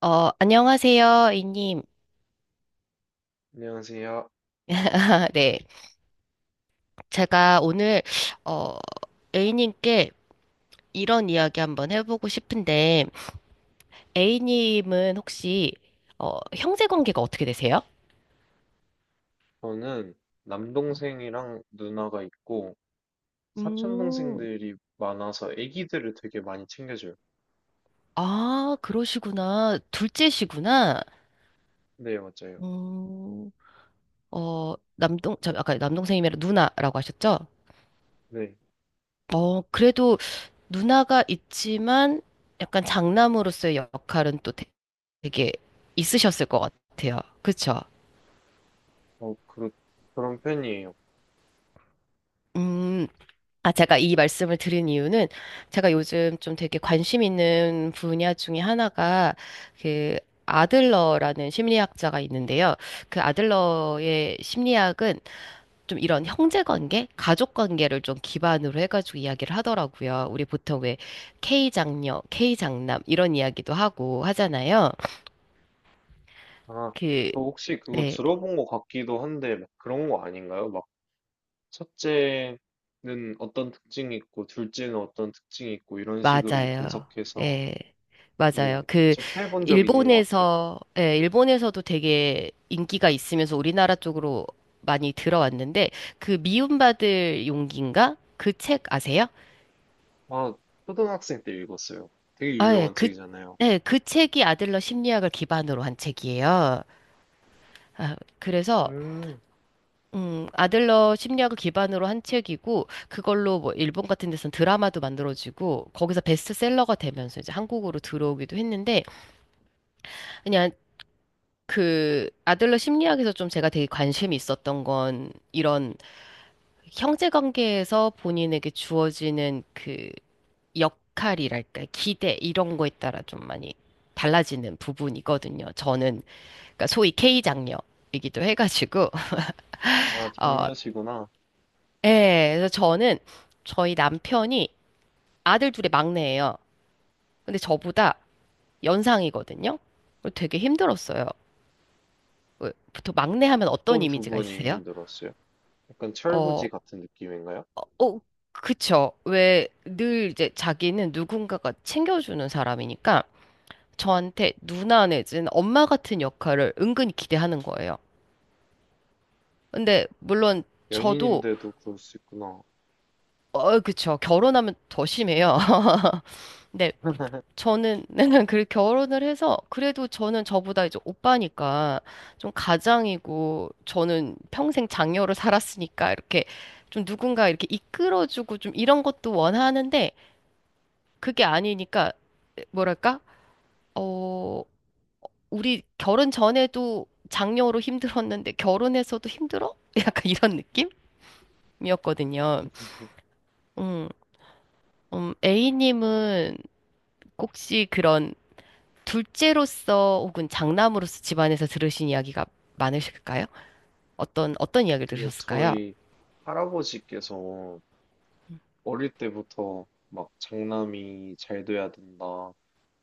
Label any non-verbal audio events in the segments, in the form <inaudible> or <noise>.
안녕하세요, A님. 안녕하세요. <laughs> 네. 제가 오늘, 어, A님께 이런 이야기 한번 해보고 싶은데, A님은 혹시, 형제 관계가 어떻게 되세요? 저는 남동생이랑 누나가 있고 사촌 음, 동생들이 많아서 아기들을 되게 많이 챙겨줘요. 아, 그러시구나. 둘째시구나. 네, 맞아요. 음, 저 아까 남동생이면 누나라고 하셨죠? 네, 그래도 누나가 있지만 약간 장남으로서의 역할은 또 되게 있으셨을 것 같아요. 그쵸? 어, 그, 그런 편이에요. 음, 아, 제가 이 말씀을 드린 이유는 제가 요즘 좀 되게 관심 있는 분야 중에 하나가 그 아들러라는 심리학자가 있는데요. 그 아들러의 심리학은 좀 이런 형제 관계, 가족 관계를 좀 기반으로 해가지고 이야기를 하더라고요. 우리 보통 왜 K 장녀, K 장남 이런 이야기도 하고 하잖아요. 아, 그, 저 혹시 그거 네, 들어본 것 같기도 한데 막 그런 거 아닌가요? 막 첫째는 어떤 특징이 있고 둘째는 어떤 특징이 있고 이런 식으로 맞아요. 분석해서 예. 맞아요. 네, 그 접해본 적이 있는 것 같아요. 일본에서 예, 일본에서도 되게 인기가 있으면서 우리나라 쪽으로 많이 들어왔는데 그 미움받을 용기인가? 그 책 아세요? 아, 초등학생 때 읽었어요. 되게 아, 예, 유명한 책이잖아요. 네, 그 책이 아들러 심리학을 기반으로 한 책이에요. 아, 그래서 음. 아들러 심리학을 기반으로 한 책이고 그걸로 뭐 일본 같은 데서는 드라마도 만들어지고 거기서 베스트셀러가 되면서 이제 한국으로 들어오기도 했는데 그냥 그 아들러 심리학에서 좀 제가 되게 관심이 있었던 건 이런 형제 관계에서 본인에게 주어지는 그 역할이랄까 기대 이런 거에 따라 좀 많이 달라지는 부분이거든요. 저는 그러니까 소위 K 장녀이기도 해가지고. <laughs> 아, 어, 장녀시구나. 예, 그래서 저는 저희 남편이 아들 둘의 막내예요. 근데 저보다 연상이거든요. 되게 힘들었어요. 보통 막내 하면 어떤 어떤 이미지가 부분이 있으세요? 힘들었어요? 약간 철부지 어, 같은 느낌인가요? 어, 어, 그쵸. 왜 늘 이제 자기는 누군가가 챙겨주는 사람이니까 저한테 누나 내지는 엄마 같은 역할을 은근히 기대하는 거예요. 근데 물론 저도. 연인인데도 그럴 수 있구나. 어, 그쵸. 결혼하면 더 심해요. <laughs> 근데 저는 <laughs> 그 결혼을 해서 그래도 저는 저보다 이제 오빠니까 좀 가장이고 저는 평생 장녀로 살았으니까 이렇게 좀 누군가 이렇게 이끌어주고 좀 이런 것도 원하는데 그게 아니니까 뭐랄까? 어, 우리 결혼 전에도 장녀로 힘들었는데 결혼해서도 힘들어? <laughs> 약간 이런 느낌이었거든요. <laughs> 음, A님은 혹시 그런 둘째로서 혹은 장남으로서 집안에서 들으신 이야기가 많으실까요? 어떤 이야기를 근데 들으셨을까요? 저희 할아버지께서 어릴 때부터 막 장남이 잘 돼야 된다,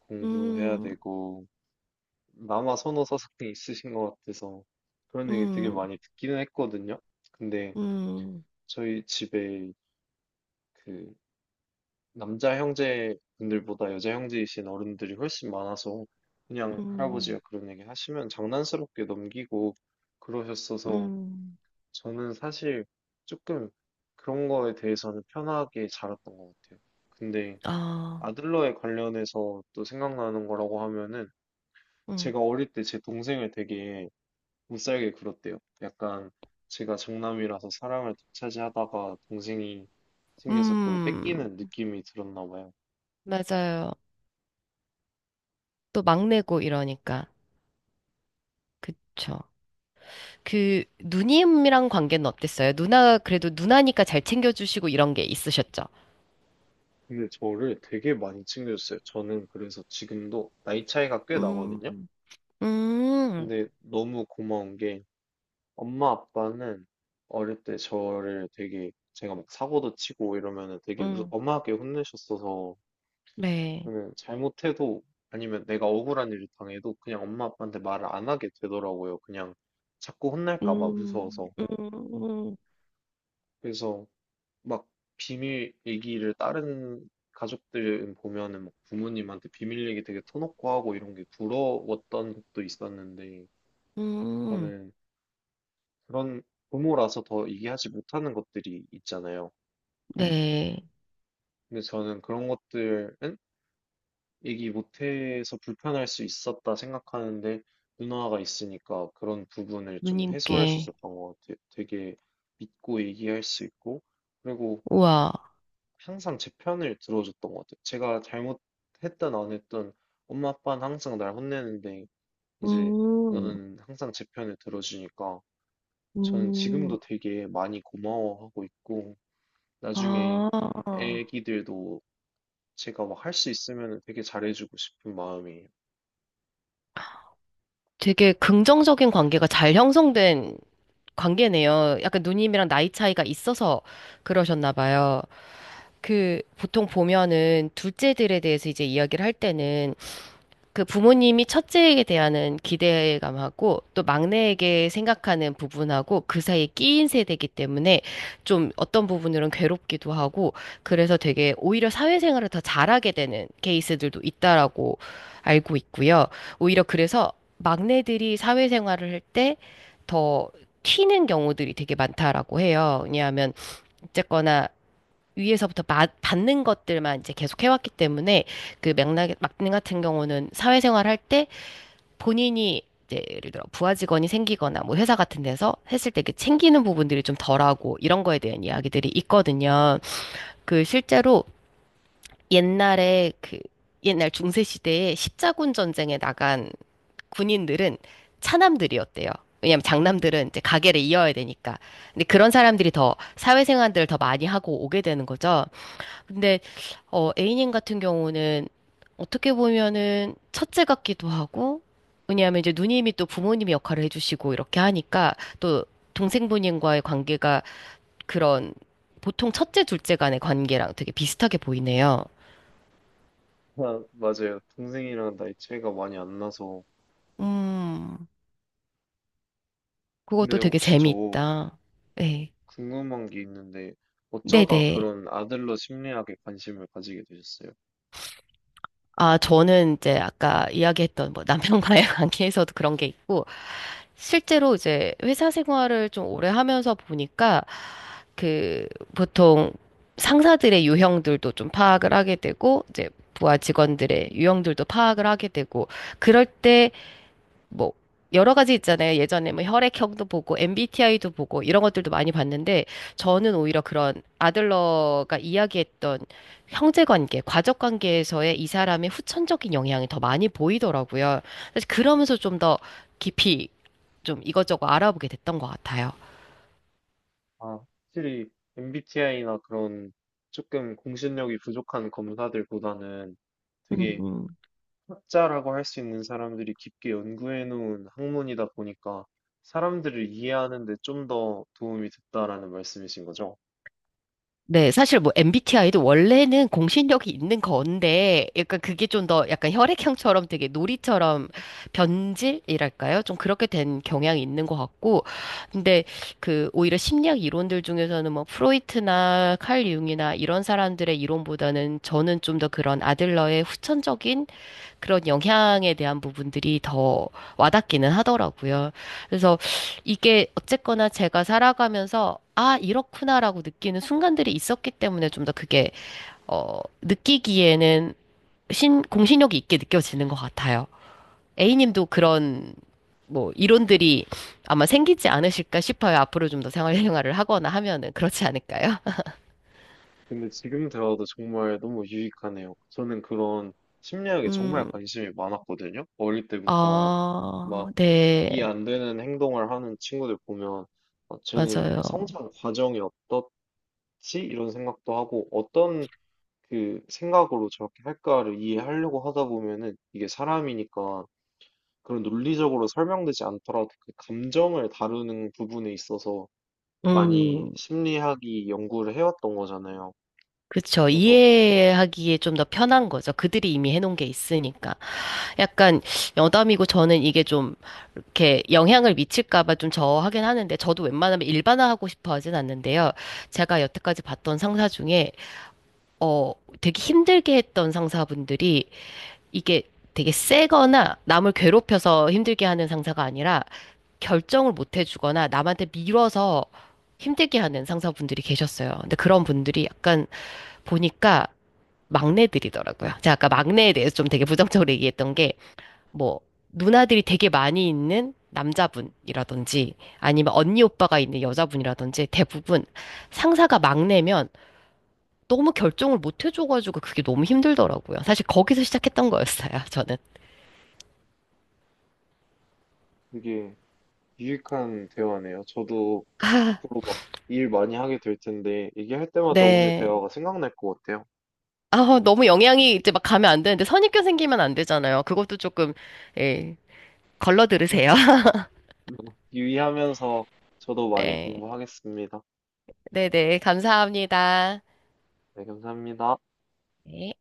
공부해야 음, 되고, 남아 선호 사상이 있으신 것 같아서 그런 얘기 되게 음, 많이 듣기는 했거든요. 근데 음, 저희 집에 그 남자 형제분들보다 여자 형제이신 어른들이 훨씬 많아서 그냥 음, 할아버지가 그런 얘기 하시면 장난스럽게 넘기고 그러셨어서 음, 저는 사실 조금 그런 거에 대해서는 편하게 자랐던 것 같아요. 근데 아, 아들러에 관련해서 또 생각나는 거라고 하면은 음, 제가 어릴 때 제 동생을 되게 못살게 굴었대요. 약간 제가 장남이라서 사랑을 독차지하다가 동생이 생겨서 그걸 음, 뺏기는 느낌이 들었나 봐요. 맞아요. 또 막내고 이러니까. 그쵸. 누님이랑 관계는 어땠어요? 누나, 그래도 누나니까 잘 챙겨주시고 이런 게 있으셨죠? 근데 저를 되게 많이 챙겨줬어요. 저는 그래서 지금도 나이 차이가 꽤 나거든요. 음, 음, 근데 너무 고마운 게 엄마 아빠는 어릴 때 저를 되게 제가 막 사고도 치고 이러면은 되게 무슨 음, 엄하게 혼내셨어서 네. 저는 잘못해도 아니면 내가 억울한 일을 당해도 그냥 엄마 아빠한테 말을 안 하게 되더라고요. 그냥 자꾸 혼날까 봐 음, 무서워서. 음, 음, 그래서 막 비밀 얘기를 다른 가족들 보면은 막 부모님한테 비밀 얘기 되게 터놓고 하고 이런 게 부러웠던 것도 있었는데 음. 저는 그런 부모라서 더 얘기하지 못하는 것들이 있잖아요. 네. 근데 저는 그런 것들은 얘기 못해서 불편할 수 있었다 생각하는데 누나가 있으니까 그런 부분을 좀 해소할 수 누님께. 있었던 것 같아요. 되게 믿고 얘기할 수 있고 그리고 우와. 항상 제 편을 들어줬던 것 같아요. 제가 잘못했든 안 했든 엄마 아빠는 항상 날 혼내는데 이제 음, 너는 항상 제 편을 들어주니까 저는 음, 지금도 되게 많이 고마워하고 있고 나중에 아. 애기들도 제가 막 할 수 있으면 되게 잘해주고 싶은 마음이에요. 되게 긍정적인 관계가 잘 형성된 관계네요. 약간 누님이랑 나이 차이가 있어서 그러셨나 봐요. 그 보통 보면은 둘째들에 대해서 이제 이야기를 할 때는 그 부모님이 첫째에게 대한 기대감하고 또 막내에게 생각하는 부분하고 그 사이에 끼인 세대이기 때문에 좀 어떤 부분으로는 괴롭기도 하고 그래서 되게 오히려 사회생활을 더 잘하게 되는 케이스들도 있다라고 알고 있고요. 오히려 그래서 막내들이 사회생활을 할 때 더 튀는 경우들이 되게 많다라고 해요. 왜냐하면 어쨌거나 위에서부터 받는 것들만 이제 계속 해왔기 때문에 그 맥락 막내 같은 경우는 사회생활 할 때 본인이 이제 예를 들어 부하 직원이 생기거나 뭐 회사 같은 데서 했을 때 이렇게 챙기는 부분들이 좀 덜하고 이런 거에 대한 이야기들이 있거든요. 그 실제로 옛날에 그 옛날 중세 시대에 십자군 전쟁에 나간 군인들은 차남들이었대요. 왜냐면 장남들은 이제 가게를 이어야 되니까. 근데 그런 사람들이 더 사회생활들을 더 많이 하고 오게 되는 거죠. 근데 A님 같은 경우는 어떻게 보면은 첫째 같기도 하고, 왜냐하면 이제 누님이 또 부모님 역할을 해주시고 이렇게 하니까 또 동생분과의 관계가 그런 보통 첫째, 둘째 간의 관계랑 되게 비슷하게 보이네요. 아, 맞아요. 동생이랑 나이 차이가 많이 안 나서. 음, 그것도 근데 되게 혹시 저 재미있다. 네. 궁금한 게 있는데 어쩌다 네네. 그런 아들로 심리학에 관심을 가지게 되셨어요? 아, 저는 이제 아까 이야기했던 뭐 남편과의 <laughs> 관계에서도 그런 게 있고, 실제로 이제 회사 생활을 좀 오래 하면서 보니까 그 보통 상사들의 유형들도 좀 파악을 하게 되고 이제 부하 직원들의 유형들도 파악을 하게 되고 그럴 때 뭐 여러 가지 있잖아요. 예전에 뭐 혈액형도 보고 MBTI도 보고 이런 것들도 많이 봤는데 저는 오히려 그런 아들러가 이야기했던 형제 관계, 가족 관계에서의 이 사람의 후천적인 영향이 더 많이 보이더라고요. 사실 그러면서 좀 더 깊이 좀 이것저것 알아보게 됐던 것 같아요. 아, 확실히 MBTI나 그런 조금 공신력이 부족한 검사들보다는 되게 음, 학자라고 할 수 있는 사람들이 깊게 연구해 놓은 학문이다 보니까 사람들을 이해하는 데 좀 더 도움이 됐다라는 말씀이신 거죠? 네, 사실 뭐 MBTI도 원래는 공신력이 있는 건데, 약간 그게 좀 더 약간 혈액형처럼 되게 놀이처럼 변질이랄까요? 좀 그렇게 된 경향이 있는 것 같고, 근데 오히려 심리학 이론들 중에서는 뭐 프로이트나 칼 융이나 이런 사람들의 이론보다는 저는 좀 더 그런 아들러의 후천적인 그런 영향에 대한 부분들이 더 와닿기는 하더라고요. 그래서 이게 어쨌거나 제가 살아가면서 아, 이렇구나라고 느끼는 순간들이 있었기 때문에 좀 더 그게 느끼기에는 공신력이 있게 느껴지는 것 같아요. A님도 그런 뭐 이론들이 아마 생기지 않으실까 싶어요. 앞으로 좀 더 생활을 하거나 하면은 그렇지 않을까요? <laughs> 근데 지금 들어도 정말 너무 유익하네요. 저는 그런 심리학에 정말 음, 관심이 많았거든요. 어릴 때부터 아, 막 네, 이해 안 되는 행동을 하는 친구들 보면 어, 쟤는 맞아요. 성장 과정이 어떠? 지? 이런 생각도 하고 어떤 그 생각으로 저렇게 할까를 이해하려고 하다 보면은 이게 사람이니까 그런 논리적으로 설명되지 않더라도 그 감정을 다루는 부분에 있어서 많이 음. 심리학이 연구를 해왔던 거잖아요. 그쵸. 그래서 이해하기에 좀 더 편한 거죠. 그들이 이미 해놓은 게 있으니까. 약간 여담이고 저는 이게 좀 이렇게 영향을 미칠까 봐 좀 저하긴 하는데 저도 웬만하면 일반화하고 싶어 하진 않는데요. 제가 여태까지 봤던 상사 중에 어 되게 힘들게 했던 상사분들이 이게 되게 세거나 남을 괴롭혀서 힘들게 하는 상사가 아니라 결정을 못 해주거나 남한테 밀어서 힘들게 하는 상사분들이 계셨어요. 근데 그런 분들이 약간 보니까 막내들이더라고요. 제가 아까 막내에 대해서 좀 되게 부정적으로 얘기했던 게, 뭐, 누나들이 되게 많이 있는 남자분이라든지, 아니면 언니 오빠가 있는 여자분이라든지, 대부분 상사가 막내면 너무 결정을 못 해줘가지고 그게 너무 힘들더라고요. 사실 거기서 시작했던 거였어요, 저는. 되게 유익한 대화네요. 저도 아, 앞으로 막 일 많이 하게 될 텐데 얘기할 때마다 오늘 네. 대화가 생각날 것 같아요. 아, 너무 영향이 이제 막 가면 안 되는데, 선입견 생기면 안 되잖아요. 그것도 조금, 예, 걸러 들으세요. <laughs> <laughs> 유의하면서 저도 많이 네. 공부하겠습니다. 네네. 감사합니다. 네, 감사합니다. 네.